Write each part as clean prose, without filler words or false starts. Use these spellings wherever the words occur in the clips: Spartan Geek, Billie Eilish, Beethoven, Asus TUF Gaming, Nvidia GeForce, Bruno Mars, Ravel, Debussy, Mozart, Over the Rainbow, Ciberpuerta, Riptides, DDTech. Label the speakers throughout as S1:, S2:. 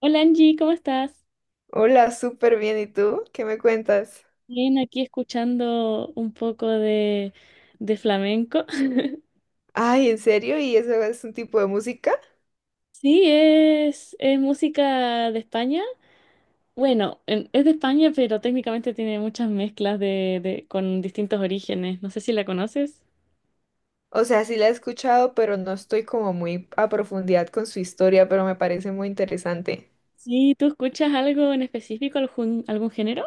S1: Hola Angie, ¿cómo estás?
S2: Hola, súper bien. ¿Y tú? ¿Qué me cuentas?
S1: Bien, aquí escuchando un poco de flamenco.
S2: Ay, ¿en serio? ¿Y eso es un tipo de música?
S1: Sí, es música de España. Bueno, es de España, pero técnicamente tiene muchas mezclas de con distintos orígenes. No sé si la conoces.
S2: O sea, sí la he escuchado, pero no estoy como muy a profundidad con su historia, pero me parece muy interesante.
S1: Sí, ¿tú escuchas algo en específico, algún género?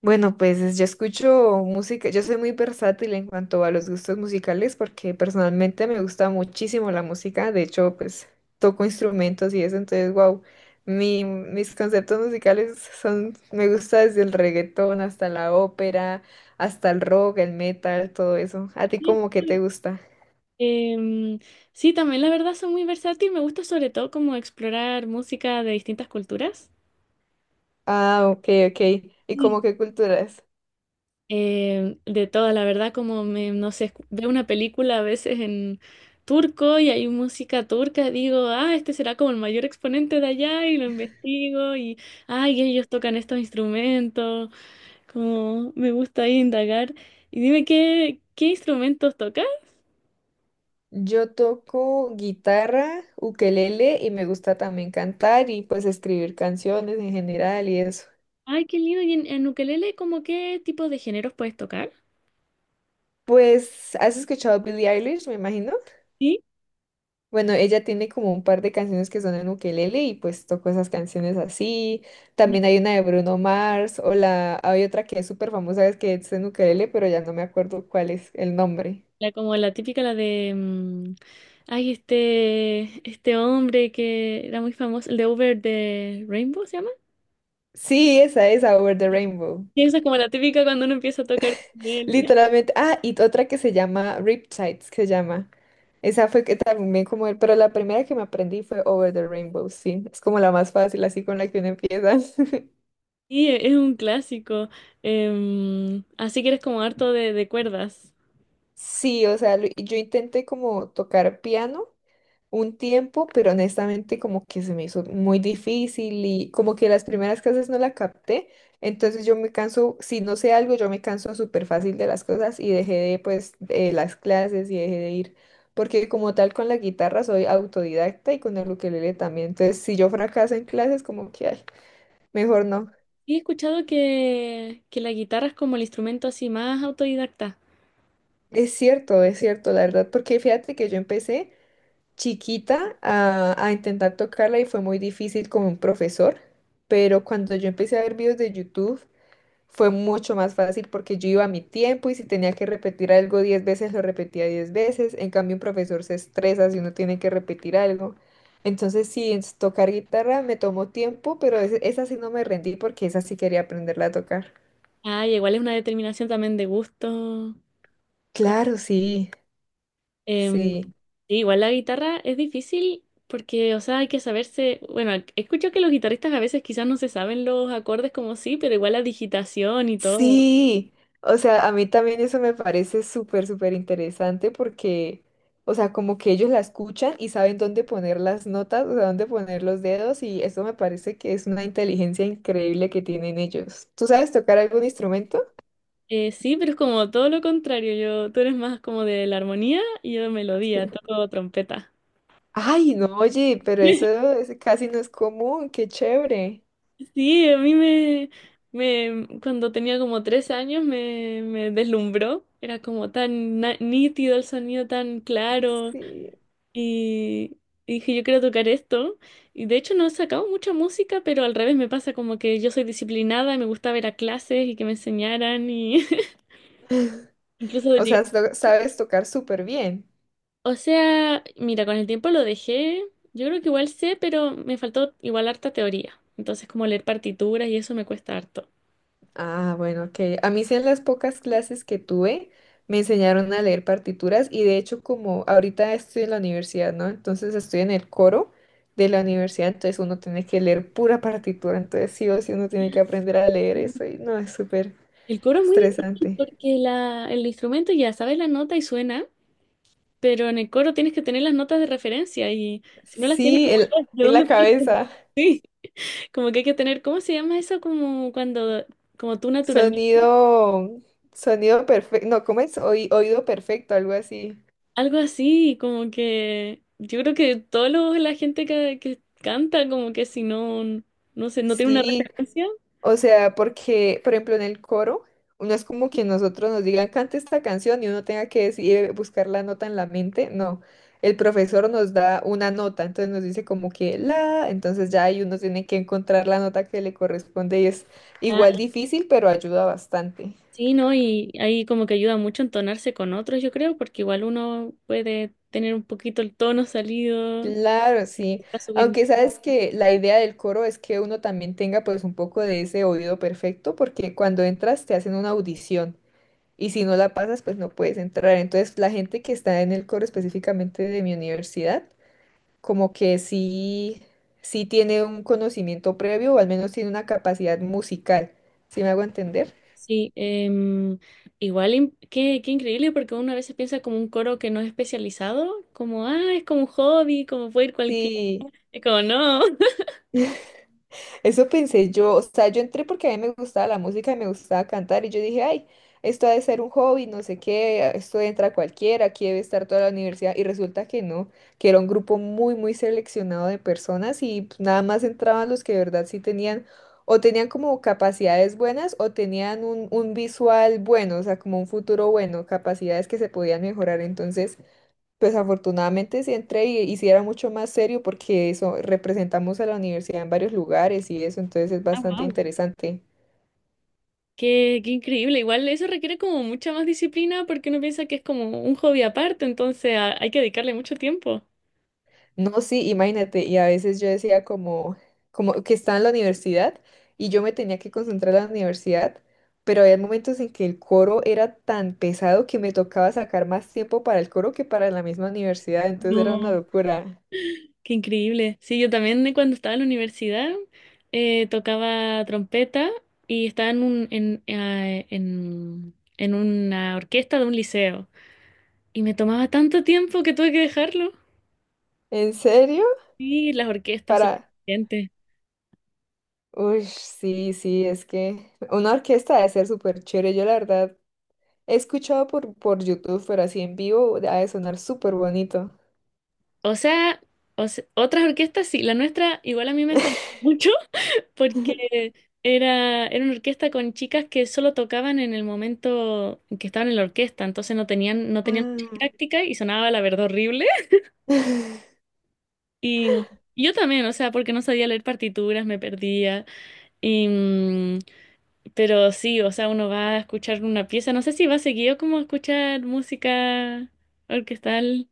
S2: Bueno, pues yo escucho música, yo soy muy versátil en cuanto a los gustos musicales porque personalmente me gusta muchísimo la música, de hecho, pues toco instrumentos y eso, entonces, wow, mis conceptos musicales son, me gusta desde el reggaetón hasta la ópera, hasta el rock, el metal, todo eso. ¿A ti
S1: Sí,
S2: como que te gusta?
S1: Em, sí, también la verdad son muy versátil. Me gusta sobre todo como explorar música de distintas culturas.
S2: Ah, ok, ok. ¿Y como qué culturas?
S1: De todas, la verdad, como me, no sé, veo una película a veces en turco y hay música turca, digo, ah, este será como el mayor exponente de allá y lo investigo y, ay, ellos tocan estos instrumentos, como me gusta ahí indagar. Y dime, ¿qué instrumentos tocas?
S2: Yo toco guitarra, ukelele y me gusta también cantar y pues escribir canciones en general y eso.
S1: Ay, qué lindo, y en ukelele, ¿cómo qué tipo de géneros puedes tocar?
S2: Pues, ¿has escuchado a Billie Eilish, me imagino?
S1: ¿Sí?
S2: Bueno, ella tiene como un par de canciones que son en ukelele y pues toco esas canciones así. También hay una de Bruno Mars o la hay otra que es súper famosa es que es en ukelele, pero ya no me acuerdo cuál es el nombre.
S1: La, como la típica, la de, ay, este hombre que era muy famoso, el de Over the Rainbow, ¿se llama?
S2: Sí, esa es Over the Rainbow.
S1: Y esa es como la típica cuando uno empieza a tocar ukelele.
S2: Literalmente. Ah, y otra que se llama Riptides, que se llama. Esa fue que también como, pero la primera que me aprendí fue Over the Rainbow, sí. Es como la más fácil, así con la que uno empieza.
S1: Sí, es un clásico. Así que eres como harto de cuerdas.
S2: Sí, o sea, yo intenté como tocar piano. Un tiempo, pero honestamente como que se me hizo muy difícil y como que las primeras clases no la capté, entonces yo me canso, si no sé algo, yo me canso súper fácil de las cosas y dejé de pues de las clases y dejé de ir, porque como tal con la guitarra soy autodidacta y con el ukelele también, entonces si yo fracaso en clases como que ay, mejor no.
S1: Y he escuchado que la guitarra es como el instrumento así más autodidacta.
S2: Es cierto, la verdad, porque fíjate que yo empecé chiquita a intentar tocarla y fue muy difícil con un profesor, pero cuando yo empecé a ver videos de YouTube fue mucho más fácil porque yo iba a mi tiempo y si tenía que repetir algo 10 veces, lo repetía 10 veces. En cambio, un profesor se estresa si uno tiene que repetir algo. Entonces, sí, tocar guitarra me tomó tiempo, pero esa sí no me rendí porque esa sí quería aprenderla a tocar.
S1: Ay, igual es una determinación también de gusto.
S2: Claro, sí,
S1: Em,
S2: sí.
S1: sí, igual la guitarra es difícil porque, o sea, hay que saberse, bueno, escucho que los guitarristas a veces quizás no se saben los acordes como sí, pero igual la digitación y todo.
S2: Sí, o sea, a mí también eso me parece súper, súper interesante porque, o sea, como que ellos la escuchan y saben dónde poner las notas, o sea, dónde poner los dedos y eso me parece que es una inteligencia increíble que tienen ellos. ¿Tú sabes tocar algún instrumento?
S1: Sí, pero es como todo lo contrario, tú eres más como de la armonía y yo de
S2: Sí.
S1: melodía, toco trompeta.
S2: Ay, no, oye, pero eso casi no es común, qué chévere.
S1: Sí, a mí me, cuando tenía como 3 años me deslumbró, era como tan nítido el sonido, tan claro.
S2: Sí.
S1: Y y dije, yo quiero tocar esto. Y de hecho no he sacado mucha música, pero al revés me pasa como que yo soy disciplinada y me gusta ver a clases y que me enseñaran y incluso
S2: O
S1: llegué-.
S2: sea, sabes tocar súper bien.
S1: O sea, mira, con el tiempo lo dejé. Yo creo que igual sé, pero me faltó igual harta teoría. Entonces, como leer partituras y eso me cuesta harto.
S2: Ah, bueno, ok. A mí sí en las pocas clases que tuve me enseñaron a leer partituras y de hecho como ahorita estoy en la universidad, ¿no? Entonces estoy en el coro de la universidad, entonces uno tiene que leer pura partitura, entonces sí o sí uno tiene que aprender a leer eso y no, es súper
S1: El coro es muy difícil
S2: estresante.
S1: porque el instrumento ya sabes la nota y suena, pero en el coro tienes que tener las notas de referencia y si no las tienes
S2: Sí,
S1: como
S2: el-
S1: yo, ¿de
S2: en la
S1: dónde?
S2: cabeza.
S1: Como que hay que tener, ¿cómo se llama eso? Como cuando, como tú naturalmente.
S2: Sonido, sonido perfecto, no, ¿cómo es? Oído perfecto, algo así.
S1: Algo así, como que yo creo que todos la gente que canta, como que si no, no sé, no tiene una
S2: Sí,
S1: referencia.
S2: o sea, porque, por ejemplo, en el coro, no es como que nosotros nos digan, cante esta canción y uno tenga que decidir buscar la nota en la mente. No, el profesor nos da una nota, entonces nos dice como que la, entonces ya ahí uno tiene que encontrar la nota que le corresponde y es
S1: Ah,
S2: igual difícil, pero ayuda bastante.
S1: sí, ¿no? Y ahí como que ayuda mucho a entonarse con otros, yo creo, porque igual uno puede tener un poquito el tono salido,
S2: Claro, sí.
S1: a subir.
S2: Aunque sabes que la idea del coro es que uno también tenga pues un poco de ese oído perfecto, porque cuando entras te hacen una audición. Y si no la pasas, pues no puedes entrar. Entonces, la gente que está en el coro específicamente de mi universidad, como que sí, sí tiene un conocimiento previo o al menos tiene una capacidad musical. ¿Sí me hago entender?
S1: Sí, igual, qué increíble, porque uno a veces piensa como un coro que no es especializado, como, ah, es como un hobby, como puede ir cualquiera.
S2: Sí,
S1: Es como, no.
S2: eso pensé yo, o sea, yo entré porque a mí me gustaba la música y me gustaba cantar y yo dije, ay, esto ha de ser un hobby, no sé qué, esto entra cualquiera, aquí debe estar toda la universidad y resulta que no, que era un grupo muy, muy seleccionado de personas y pues, nada más entraban los que de verdad sí tenían o tenían como capacidades buenas o tenían un visual bueno, o sea, como un futuro bueno, capacidades que se podían mejorar, entonces... Pues afortunadamente sí entré y sí era mucho más serio porque eso representamos a la universidad en varios lugares y eso, entonces es
S1: Ah,
S2: bastante
S1: wow.
S2: interesante.
S1: Qué increíble. Igual eso requiere como mucha más disciplina porque uno piensa que es como un hobby aparte, entonces hay que dedicarle mucho tiempo.
S2: No, sí, imagínate, y a veces yo decía como, como que estaba en la universidad y yo me tenía que concentrar en la universidad, pero había momentos en que el coro era tan pesado que me tocaba sacar más tiempo para el coro que para la misma universidad, entonces era una
S1: No.
S2: locura.
S1: Qué increíble. Sí, yo también cuando estaba en la universidad tocaba trompeta y estaba en una orquesta de un liceo. Y me tomaba tanto tiempo que tuve que dejarlo.
S2: ¿En serio?
S1: Sí, las orquestas son
S2: Para...
S1: exigentes.
S2: Uy, sí, sí, es que una orquesta debe ser súper chévere. Yo la verdad he escuchado por YouTube, pero así en vivo ha de sonar súper bonito.
S1: O sea, otras orquestas sí, la nuestra igual a mí me salió mucho. Porque era una orquesta con chicas que solo tocaban en el momento en que estaban en la orquesta, entonces no tenían mucha práctica y sonaba la verdad horrible. Y yo también, o sea, porque no sabía leer partituras, me perdía. Y, pero sí, o sea, uno va a escuchar una pieza, no sé si va seguido como a escuchar música orquestal.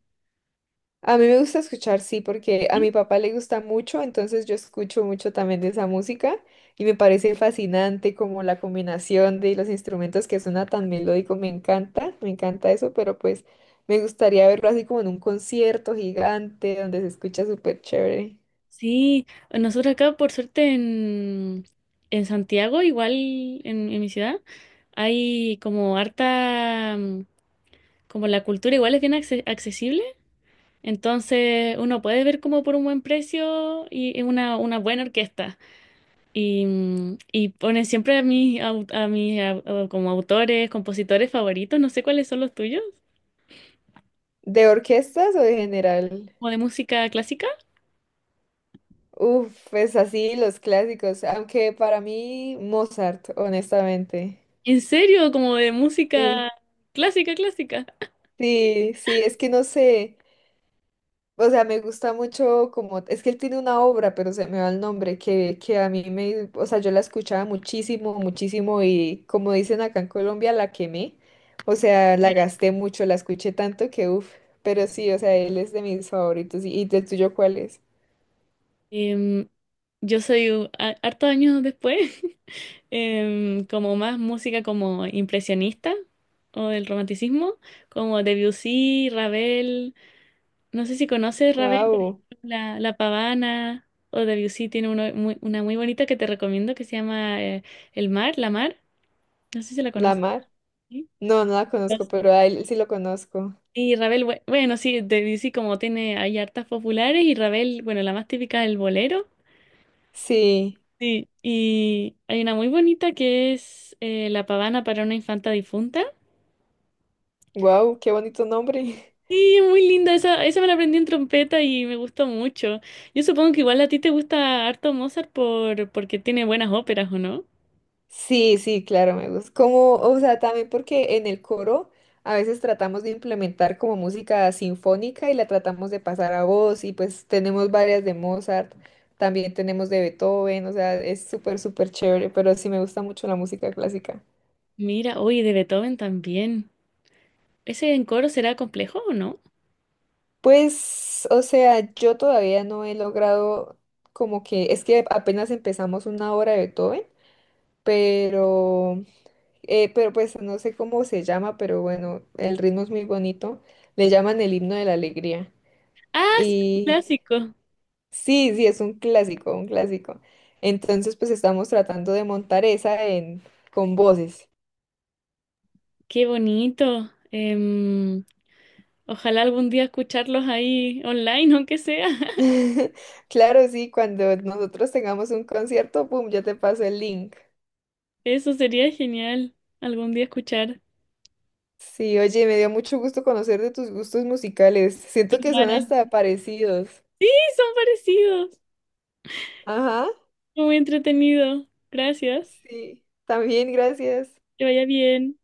S2: Ah, a mí me gusta escuchar, sí, porque a mi papá le gusta mucho, entonces yo escucho mucho también de esa música y me parece fascinante como la combinación de los instrumentos que suena tan melódico, me encanta eso, pero pues me gustaría verlo así como en un concierto gigante donde se escucha súper chévere.
S1: Sí, nosotros acá por suerte en Santiago, igual en mi ciudad, hay como harta, como la cultura igual es bien accesible, entonces uno puede ver como por un buen precio y una buena orquesta. Y, y ponen siempre a mis como autores, compositores favoritos, no sé cuáles son los tuyos,
S2: ¿De orquestas o de general?
S1: como de música clásica.
S2: Uf, pues así los clásicos, aunque para mí Mozart, honestamente.
S1: ¿En serio? Como de música
S2: Sí,
S1: clásica, clásica.
S2: sí, sí, es que no sé, o sea, me gusta mucho como, es que él tiene una obra, pero se me va el nombre, que a mí me, o sea, yo la escuchaba muchísimo, muchísimo y como dicen acá en Colombia, la quemé, o sea, la gasté mucho, la escuché tanto que, uf, pero sí, o sea, él es de mis favoritos. Y del tuyo cuál es?
S1: Em, yo soy hartos años después, como más música como impresionista o del romanticismo, como Debussy, Ravel. No sé si conoces Ravel, por
S2: Guau,
S1: ejemplo, La Pavana. O Debussy tiene una muy bonita que te recomiendo que se llama El Mar, La Mar. No sé si la
S2: ¿La
S1: conoces.
S2: Mar?
S1: ¿Sí?
S2: No, no la conozco, pero a él sí lo conozco.
S1: Y Ravel, bueno, sí, Debussy como tiene, hay hartas populares. Y Ravel, bueno, la más típica, el bolero.
S2: Sí.
S1: Sí, y hay una muy bonita que es La pavana para una infanta difunta.
S2: Wow, qué bonito nombre.
S1: Sí, es muy linda, esa me la aprendí en trompeta y me gustó mucho. Yo supongo que igual a ti te gusta harto Mozart porque tiene buenas óperas, ¿o no?
S2: Sí, sí, claro, me gusta. Como, o sea, también porque en el coro a veces tratamos de implementar como música sinfónica y la tratamos de pasar a voz y pues tenemos varias de Mozart, también tenemos de Beethoven, o sea, es súper, súper chévere, pero sí me gusta mucho la música clásica.
S1: Mira, oye, de Beethoven también. ¿Ese en coro será complejo o no?
S2: Pues, o sea, yo todavía no he logrado como que, es que apenas empezamos una obra de Beethoven, pero... pero pues no sé cómo se llama, pero bueno, el ritmo es muy bonito. Le llaman el himno de la alegría.
S1: Ah, sí, un
S2: Y
S1: clásico.
S2: sí, sí, es un clásico, un clásico. Entonces, pues estamos tratando de montar esa en, con voces.
S1: Qué bonito. Ojalá algún día escucharlos ahí online, aunque sea.
S2: Claro, sí, cuando nosotros tengamos un concierto, pum, ya te paso el link.
S1: Eso sería genial, algún día escuchar.
S2: Sí, oye, me dio mucho gusto conocer de tus gustos musicales. Siento que son
S1: Igual,
S2: hasta parecidos.
S1: sí, son parecidos.
S2: Ajá,
S1: Muy entretenido. Gracias.
S2: sí, también gracias.
S1: Que vaya bien.